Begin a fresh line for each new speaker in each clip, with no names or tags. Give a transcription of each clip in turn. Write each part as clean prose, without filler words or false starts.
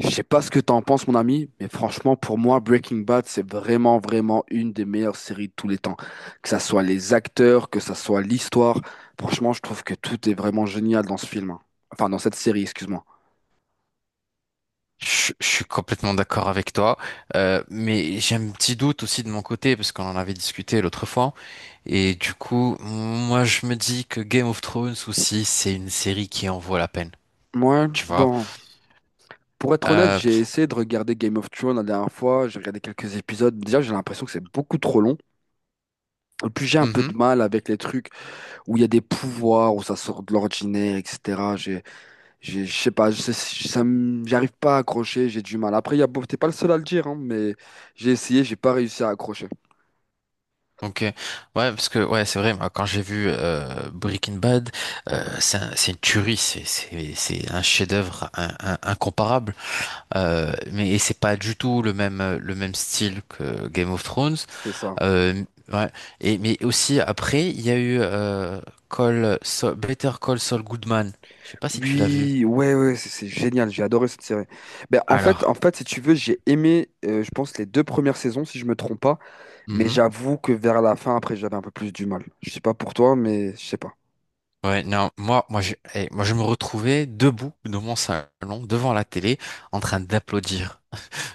Je sais pas ce que t'en penses, mon ami, mais franchement, pour moi, Breaking Bad, c'est vraiment, vraiment une des meilleures séries de tous les temps. Que ça soit les acteurs, que ça soit l'histoire, franchement, je trouve que tout est vraiment génial dans ce film, hein. Enfin, dans cette série, excuse-moi.
Je suis complètement d'accord avec toi, mais j'ai un petit doute aussi de mon côté parce qu'on en avait discuté l'autre fois. Et du coup, moi je me dis que Game of Thrones aussi, c'est une série qui en vaut la peine,
Ouais,
tu vois.
bon. Pour être honnête,
Euh,
j'ai essayé de regarder Game of Thrones la dernière fois, j'ai regardé quelques épisodes. Déjà, j'ai l'impression que c'est beaucoup trop long. Et puis, j'ai un peu
mhm,
de mal avec les trucs où il y a des pouvoirs, où ça sort de l'ordinaire, etc. J'ai, je sais pas, je sais- ça me- j'arrive pas à accrocher, j'ai du mal. Après, il y a, t'es pas le seul à le dire, hein, mais j'ai essayé, j'ai pas réussi à accrocher.
ok, ouais, parce que ouais, c'est vrai. Moi, quand j'ai vu Breaking Bad, c'est une tuerie, c'est un chef-d'œuvre incomparable. Mais et c'est pas du tout le même style que Game of Thrones.
C'est ça.
Euh, ouais. Et, mais aussi, après, il y a eu Better Call Saul Goodman. Je sais pas si tu l'as vu.
Oui, ouais, ouais, c'est génial, j'ai adoré cette série. Ben, en fait, en
Alors,
fait, si tu veux, j'ai aimé, je pense, les deux premières saisons, si je me trompe pas. Mais
mhm.
j'avoue que vers la fin, après, j'avais un peu plus du mal. Je sais pas pour toi, mais je sais pas.
Ouais, non, moi, je me retrouvais debout dans mon salon, devant la télé, en train d'applaudir.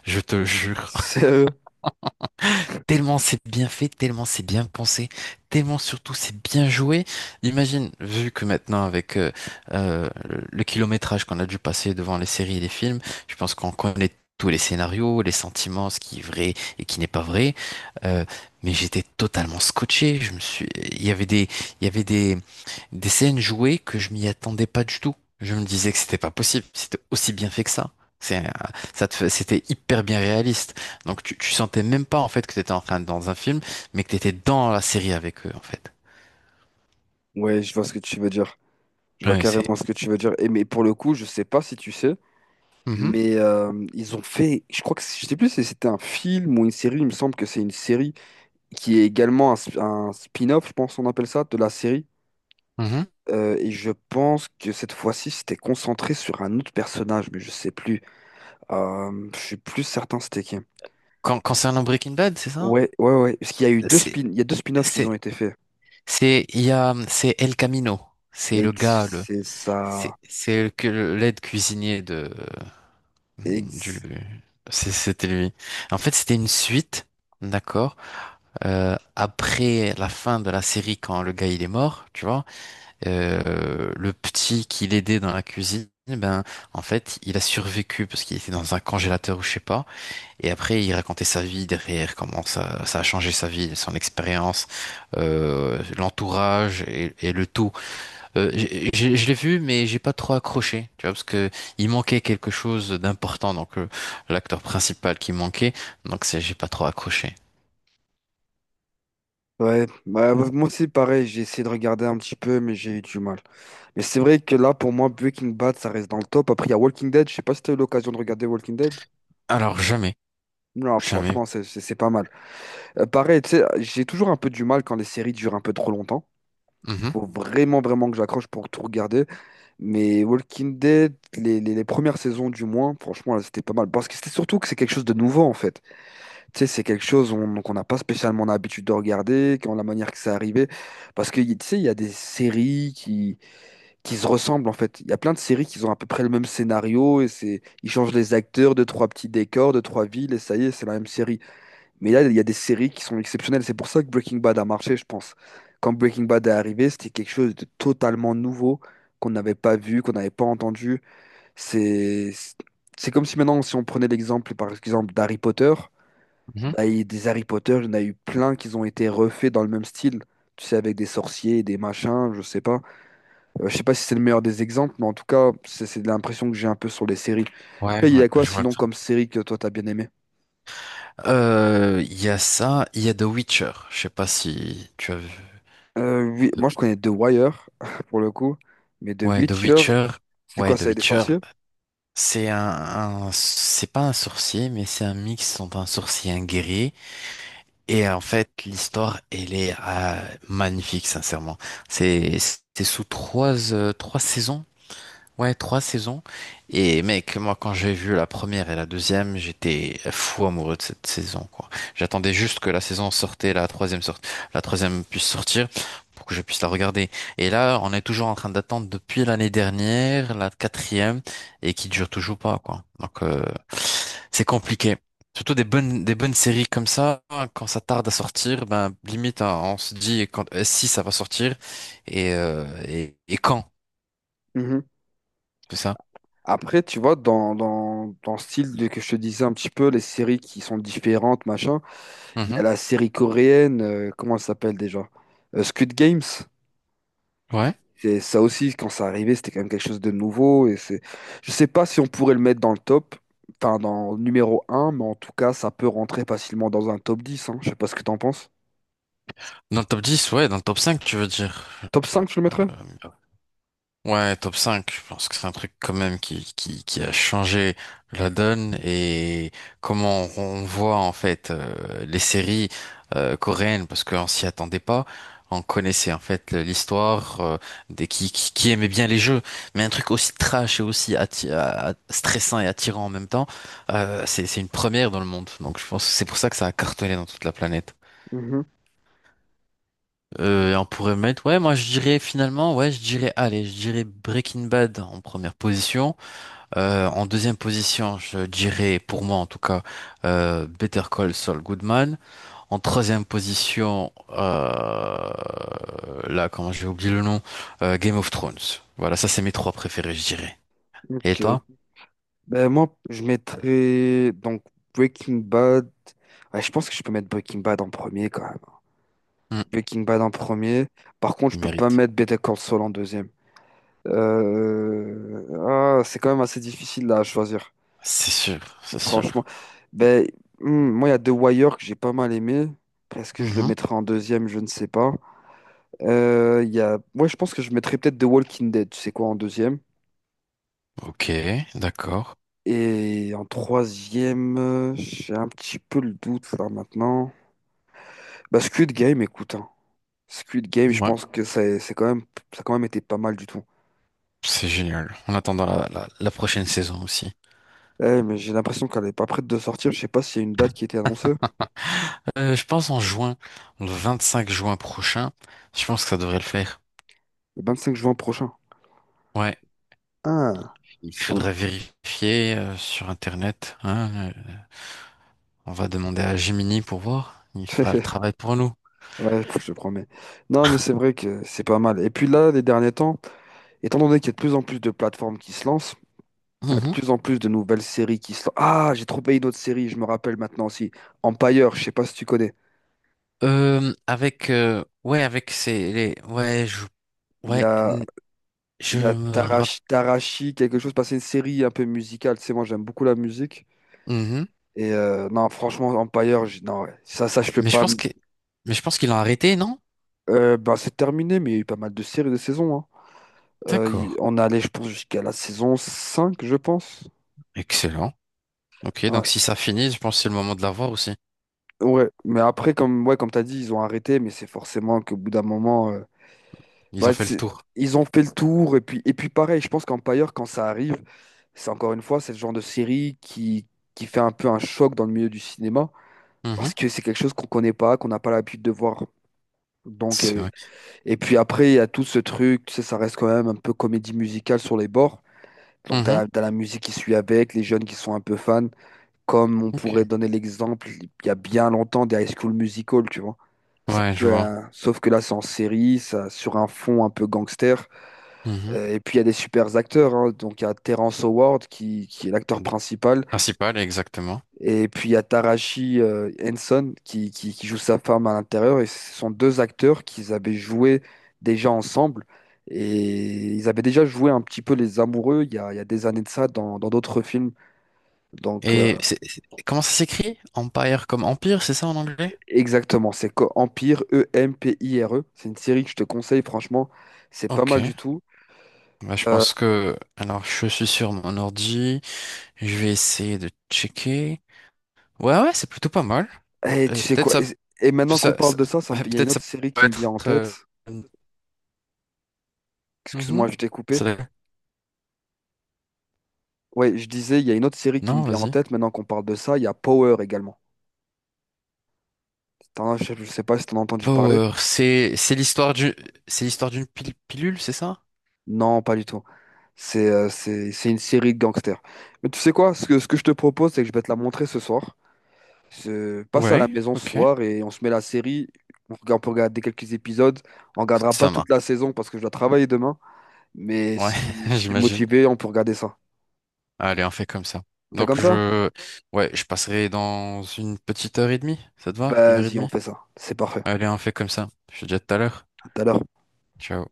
Je te jure.
Sérieux?
Tellement c'est bien fait, tellement c'est bien pensé, tellement surtout c'est bien joué. Imagine, vu que maintenant avec le kilométrage qu'on a dû passer devant les séries et les films, je pense qu'on connaît tous les scénarios, les sentiments, ce qui est vrai et qui n'est pas vrai. Euh, mais j'étais totalement scotché. Il y avait des, il y avait des scènes jouées que je m'y attendais pas du tout. Je me disais que c'était pas possible. C'était aussi bien fait que ça. C'est, un- ça te fait- C'était hyper bien réaliste. Donc tu sentais même pas, en fait, que t'étais dans un film, mais que t'étais dans la série avec eux, en fait.
Ouais, je vois ce que tu veux dire. Je vois
Ouais, c'est.
carrément ce que tu veux dire. Et mais pour le coup, je sais pas si tu sais,
Mhm,
mais ils ont fait, je crois que je sais plus si c'était un film ou une série. Il me semble que c'est une série qui est également un, un spin-off, je pense on appelle ça, de la série.
mhm.
Et je pense que cette fois-ci, c'était concentré sur un autre personnage, mais je sais plus. Je suis plus certain c'était qui.
Concernant Breaking Bad, c'est ça?
Ouais, ouais, ouais. Parce qu'
C'est,
il y a deux spin-offs qui
c'est,
ont été faits.
c'est, il y a, c'est El Camino. C'est le gars,
Ex-
le,
C'est ça.
c'est le, que le- l'aide cuisinier de, du,
Ex-
c'est- c'était lui. En fait, c'était une suite, d'accord? Après la fin de la série, quand le gars il est mort, tu vois? Le petit qui l'aidait dans la cuisine, ben, en fait, il a survécu parce qu'il était dans un congélateur, ou je sais pas. Et après, il racontait sa vie derrière, comment ça, ça a changé sa vie, son expérience, l'entourage et le tout. Je l'ai vu, mais j'ai pas trop accroché, tu vois, parce que il manquait quelque chose d'important, donc l'acteur principal qui manquait, donc c'est j'ai pas trop accroché.
Ouais, bah, moi aussi, pareil, j'ai essayé de regarder un petit peu, mais j'ai eu du mal. Mais c'est vrai que là, pour moi, Breaking Bad, ça reste dans le top. Après, il y a Walking Dead. Je sais pas si t'as eu l'occasion de regarder Walking Dead.
Alors, jamais,
Non,
jamais.
franchement, c'est pas mal. Pareil, tu sais, j'ai toujours un peu du mal quand les séries durent un peu trop longtemps.
Mhm,
Faut vraiment, vraiment que j'accroche pour tout regarder. Mais Walking Dead, les premières saisons du moins, franchement, là, c'était pas mal. Parce que c'était surtout que c'est quelque chose de nouveau, en fait. Tu sais, c'est quelque chose qu'on n'a pas spécialement l'habitude de regarder, quand la manière que ça arrivait. Parce que, tu sais, il y a des séries qui se ressemblent, en fait. Il y a plein de séries qui ont à peu près le même scénario, et c'est, ils changent les acteurs, deux, trois petits décors, deux, trois villes, et ça y est, c'est la même série. Mais là, il y a des séries qui sont exceptionnelles. C'est pour ça que Breaking Bad a marché, je pense. Quand Breaking Bad est arrivé, c'était quelque chose de totalement nouveau, qu'on n'avait pas vu, qu'on n'avait pas entendu. C'est, c'est comme si maintenant, si on prenait l'exemple, par exemple, d'Harry Potter.
mhm.
Bah, il y a des Harry Potter, il y en a eu plein qui ont été refaits dans le même style. Tu sais, avec des sorciers, des machins, je sais pas. Je sais pas si c'est le meilleur des exemples, mais en tout cas, c'est l'impression que j'ai un peu sur les séries.
Ouais,
Après, il y
ouais,
a quoi
je vois.
sinon comme série que toi t'as bien aimé?
Il y a ça, il y a The Witcher. Je sais pas si tu as vu.
Oui,
The-
moi je connais The Wire, pour le coup, mais The
Ouais, The
Witcher,
Witcher.
c'est
Ouais,
quoi,
The
c'est des
Witcher.
sorciers?
C'est un, c'est pas un sorcier, mais c'est un mix entre un sorcier et un guerrier. Et en fait, l'histoire, elle est magnifique, sincèrement. C'est, c'est sous trois, trois saisons. Ouais, trois saisons. Et mec, moi, quand j'ai vu la première et la deuxième, j'étais fou amoureux de cette saison, quoi. J'attendais juste que la saison sortait, la troisième sorte, la troisième puisse sortir pour que je puisse la regarder. Et là, on est toujours en train d'attendre depuis l'année dernière, la quatrième, et qui dure toujours pas, quoi. Donc, c'est compliqué. Surtout des bonnes séries comme ça, hein, quand ça tarde à sortir, ben, limite, hein, on se dit quand, si ça va sortir et quand,
Mhm.
c'est ça?
Après, tu vois, dans le style de, que je te disais un petit peu, les séries qui sont différentes, machin, il y a
Mhm.
la série coréenne, comment elle s'appelle déjà? Squid Games.
Ouais.
Et ça aussi, quand ça arrivait, c'était quand même quelque chose de nouveau. Et c'est... Je sais pas si on pourrait le mettre dans le top, enfin dans le numéro un, mais en tout cas, ça peut rentrer facilement dans un top 10, hein. Je sais pas ce que t'en penses.
Dans le top 10, ouais, dans le top 5, tu veux dire.
Top cinq tu le mettrais?
Ouais, top 5. Je pense que c'est un truc quand même qui a changé la donne et comment on voit en fait les séries coréennes parce qu'on s'y attendait pas. On connaissait en fait l'histoire des qui aimait bien les jeux, mais un truc aussi trash et aussi stressant et attirant en même temps, c'est une première dans le monde. Donc je pense que c'est pour ça que ça a cartonné dans toute la planète.
Mhm.
Et on pourrait mettre, ouais, moi je dirais finalement, ouais, je dirais, allez, je dirais Breaking Bad en première position. En deuxième position, je dirais, pour moi en tout cas, Better Call Saul Goodman. En troisième position, là, comment j'ai oublié le nom, Game of Thrones. Voilà, ça c'est mes trois préférés, je dirais. Et
Ok.
toi?
Ben, moi, je mettrais donc Breaking Bad. Ouais, je pense que je peux mettre Breaking Bad en premier quand même.
Hmm,
Breaking Bad en premier. Par contre, je
il
peux pas
mérite.
mettre Better Call Saul en deuxième. Ah, c'est quand même assez difficile là, à choisir.
C'est sûr, c'est
Franchement,
sûr.
ben, hmm, moi, il y a The Wire que j'ai pas mal aimé. Est-ce que je le
Mhm.
mettrai en deuxième? Je ne sais pas. Il y a... Moi, je pense que je mettrais peut-être The Walking Dead, tu sais quoi, en deuxième.
Ok, d'accord.
Et en troisième, j'ai un petit peu le doute là maintenant. Bah, Squid Game, écoute, hein. Squid Game, je
Ouais,
pense que c'est quand même, ça a quand même été pas mal du tout.
c'est génial. En attendant la prochaine saison aussi.
Eh, mais j'ai l'impression qu'elle est pas prête de sortir. Je sais pas s'il y a une date qui a été annoncée.
Je pense en juin, le 25 juin prochain, je pense que ça devrait le faire.
Le 25 juin prochain.
Ouais,
Ah.
il faudrait vérifier sur Internet. Hein, on va demander à Gemini pour voir. Il fera le travail pour nous.
Ouais, je te promets. Non, mais c'est vrai que c'est pas mal. Et puis là, les derniers temps, étant donné qu'il y a de plus en plus de plateformes qui se lancent, il y a de
Mhm.
plus en plus de nouvelles séries qui se lancent. Ah, j'ai trouvé une autre série, je me rappelle maintenant aussi. Empire, je sais pas si tu connais.
Avec ouais, avec ces les, ouais, je,
Il y
ouais,
a,
je
il y a
me rappelle,
Tarashi, quelque chose, parce que c'est une série un peu musicale. Tu sais, moi, j'aime beaucoup la musique. Et non, franchement, Empire, non, ouais. Ça, je peux
mais je
pas.
pense que mais je pense qu'ils l'ont arrêté, non?
Ben, c'est terminé, mais il y a eu pas mal de séries de saisons, hein.
D'accord.
On est allé, je pense, jusqu'à la saison 5 je pense.
Excellent. Ok,
Ouais.
donc si ça finit, je pense que c'est le moment de la voir aussi.
Ouais, mais après, comme, ouais, comme tu as dit, ils ont arrêté, mais c'est forcément qu'au bout d'un moment,
Ils ont
bah,
fait le tour.
ils ont fait le tour. Et puis pareil, je pense qu'Empire, quand ça arrive, c'est encore une fois, c'est le genre de série qui fait un peu un choc dans le milieu du cinéma, parce
Mhm.
que c'est quelque chose qu'on connaît pas, qu'on n'a pas l'habitude de voir. Donc,
C'est vrai.
et puis après, il y a tout ce truc, tu sais, ça reste quand même un peu comédie musicale sur les bords. Donc, tu
Mhm.
as, la musique qui suit avec, les jeunes qui sont un peu fans. Comme on pourrait
Ok.
donner l'exemple, il y a bien longtemps, des High School Musical, tu vois. Ça
Ouais, je
peut,
vois.
sauf que là, c'est en série, ça, sur un fond un peu gangster.
Mhm.
Et puis, il y a des super acteurs, hein. Donc, il y a Terrence Howard, qui est l'acteur principal.
Principal, exactement.
Et puis, il y a Taraji Henson, qui joue sa femme à l'intérieur. Et ce sont deux acteurs qu'ils avaient joué déjà ensemble. Et ils avaient déjà joué un petit peu les amoureux il y a des années de ça dans d'autres films. Donc,
Et comment ça s'écrit? Empire comme empire, c'est ça en anglais?
exactement, c'est Empire, Empire. C'est une série que je te conseille, franchement, c'est pas
Ok.
mal du tout.
Bah,
Euh,
Alors, je suis sur mon ordi. Je vais essayer de checker. Ouais, ouais, c'est plutôt pas mal.
et
Et
tu sais
peut-être
quoi? Et maintenant qu'on
ça,
parle
ça-
de ça,
ouais,
il y a une
peut-être
autre série
peut
qui me vient
être...
en
euh,
tête. Excuse-moi,
mhm.
je t'ai coupé.
Ça doit-
Ouais, je disais, il y a une autre série qui me
Non,
vient en
vas-y.
tête. Maintenant qu'on parle de ça, il y a Power également. Je sais pas si t'en as entendu parler.
Power, c'est l'histoire d'une pilule, c'est ça?
Non, pas du tout. C'est c'est une série de gangsters. Mais tu sais quoi? Ce que je te propose, c'est que je vais te la montrer ce soir. Se passe à la
Ouais,
maison ce
ok.
soir et on se met la série. On regarde, on peut regarder quelques épisodes. On regardera pas
Ça
toute la
marche.
saison parce que je dois travailler demain. Mais
Ouais,
si, si t'es
j'imagine.
motivé, on peut regarder ça.
Allez, on fait comme ça.
On fait comme
Donc
ça?
je, ouais, je passerai dans une petite heure et demie. Ça te va? Une heure et
Vas-y, on
demie?
fait ça. C'est parfait.
Allez, on fait comme ça. Je te dis à tout à l'heure.
À tout à l'heure.
Ciao.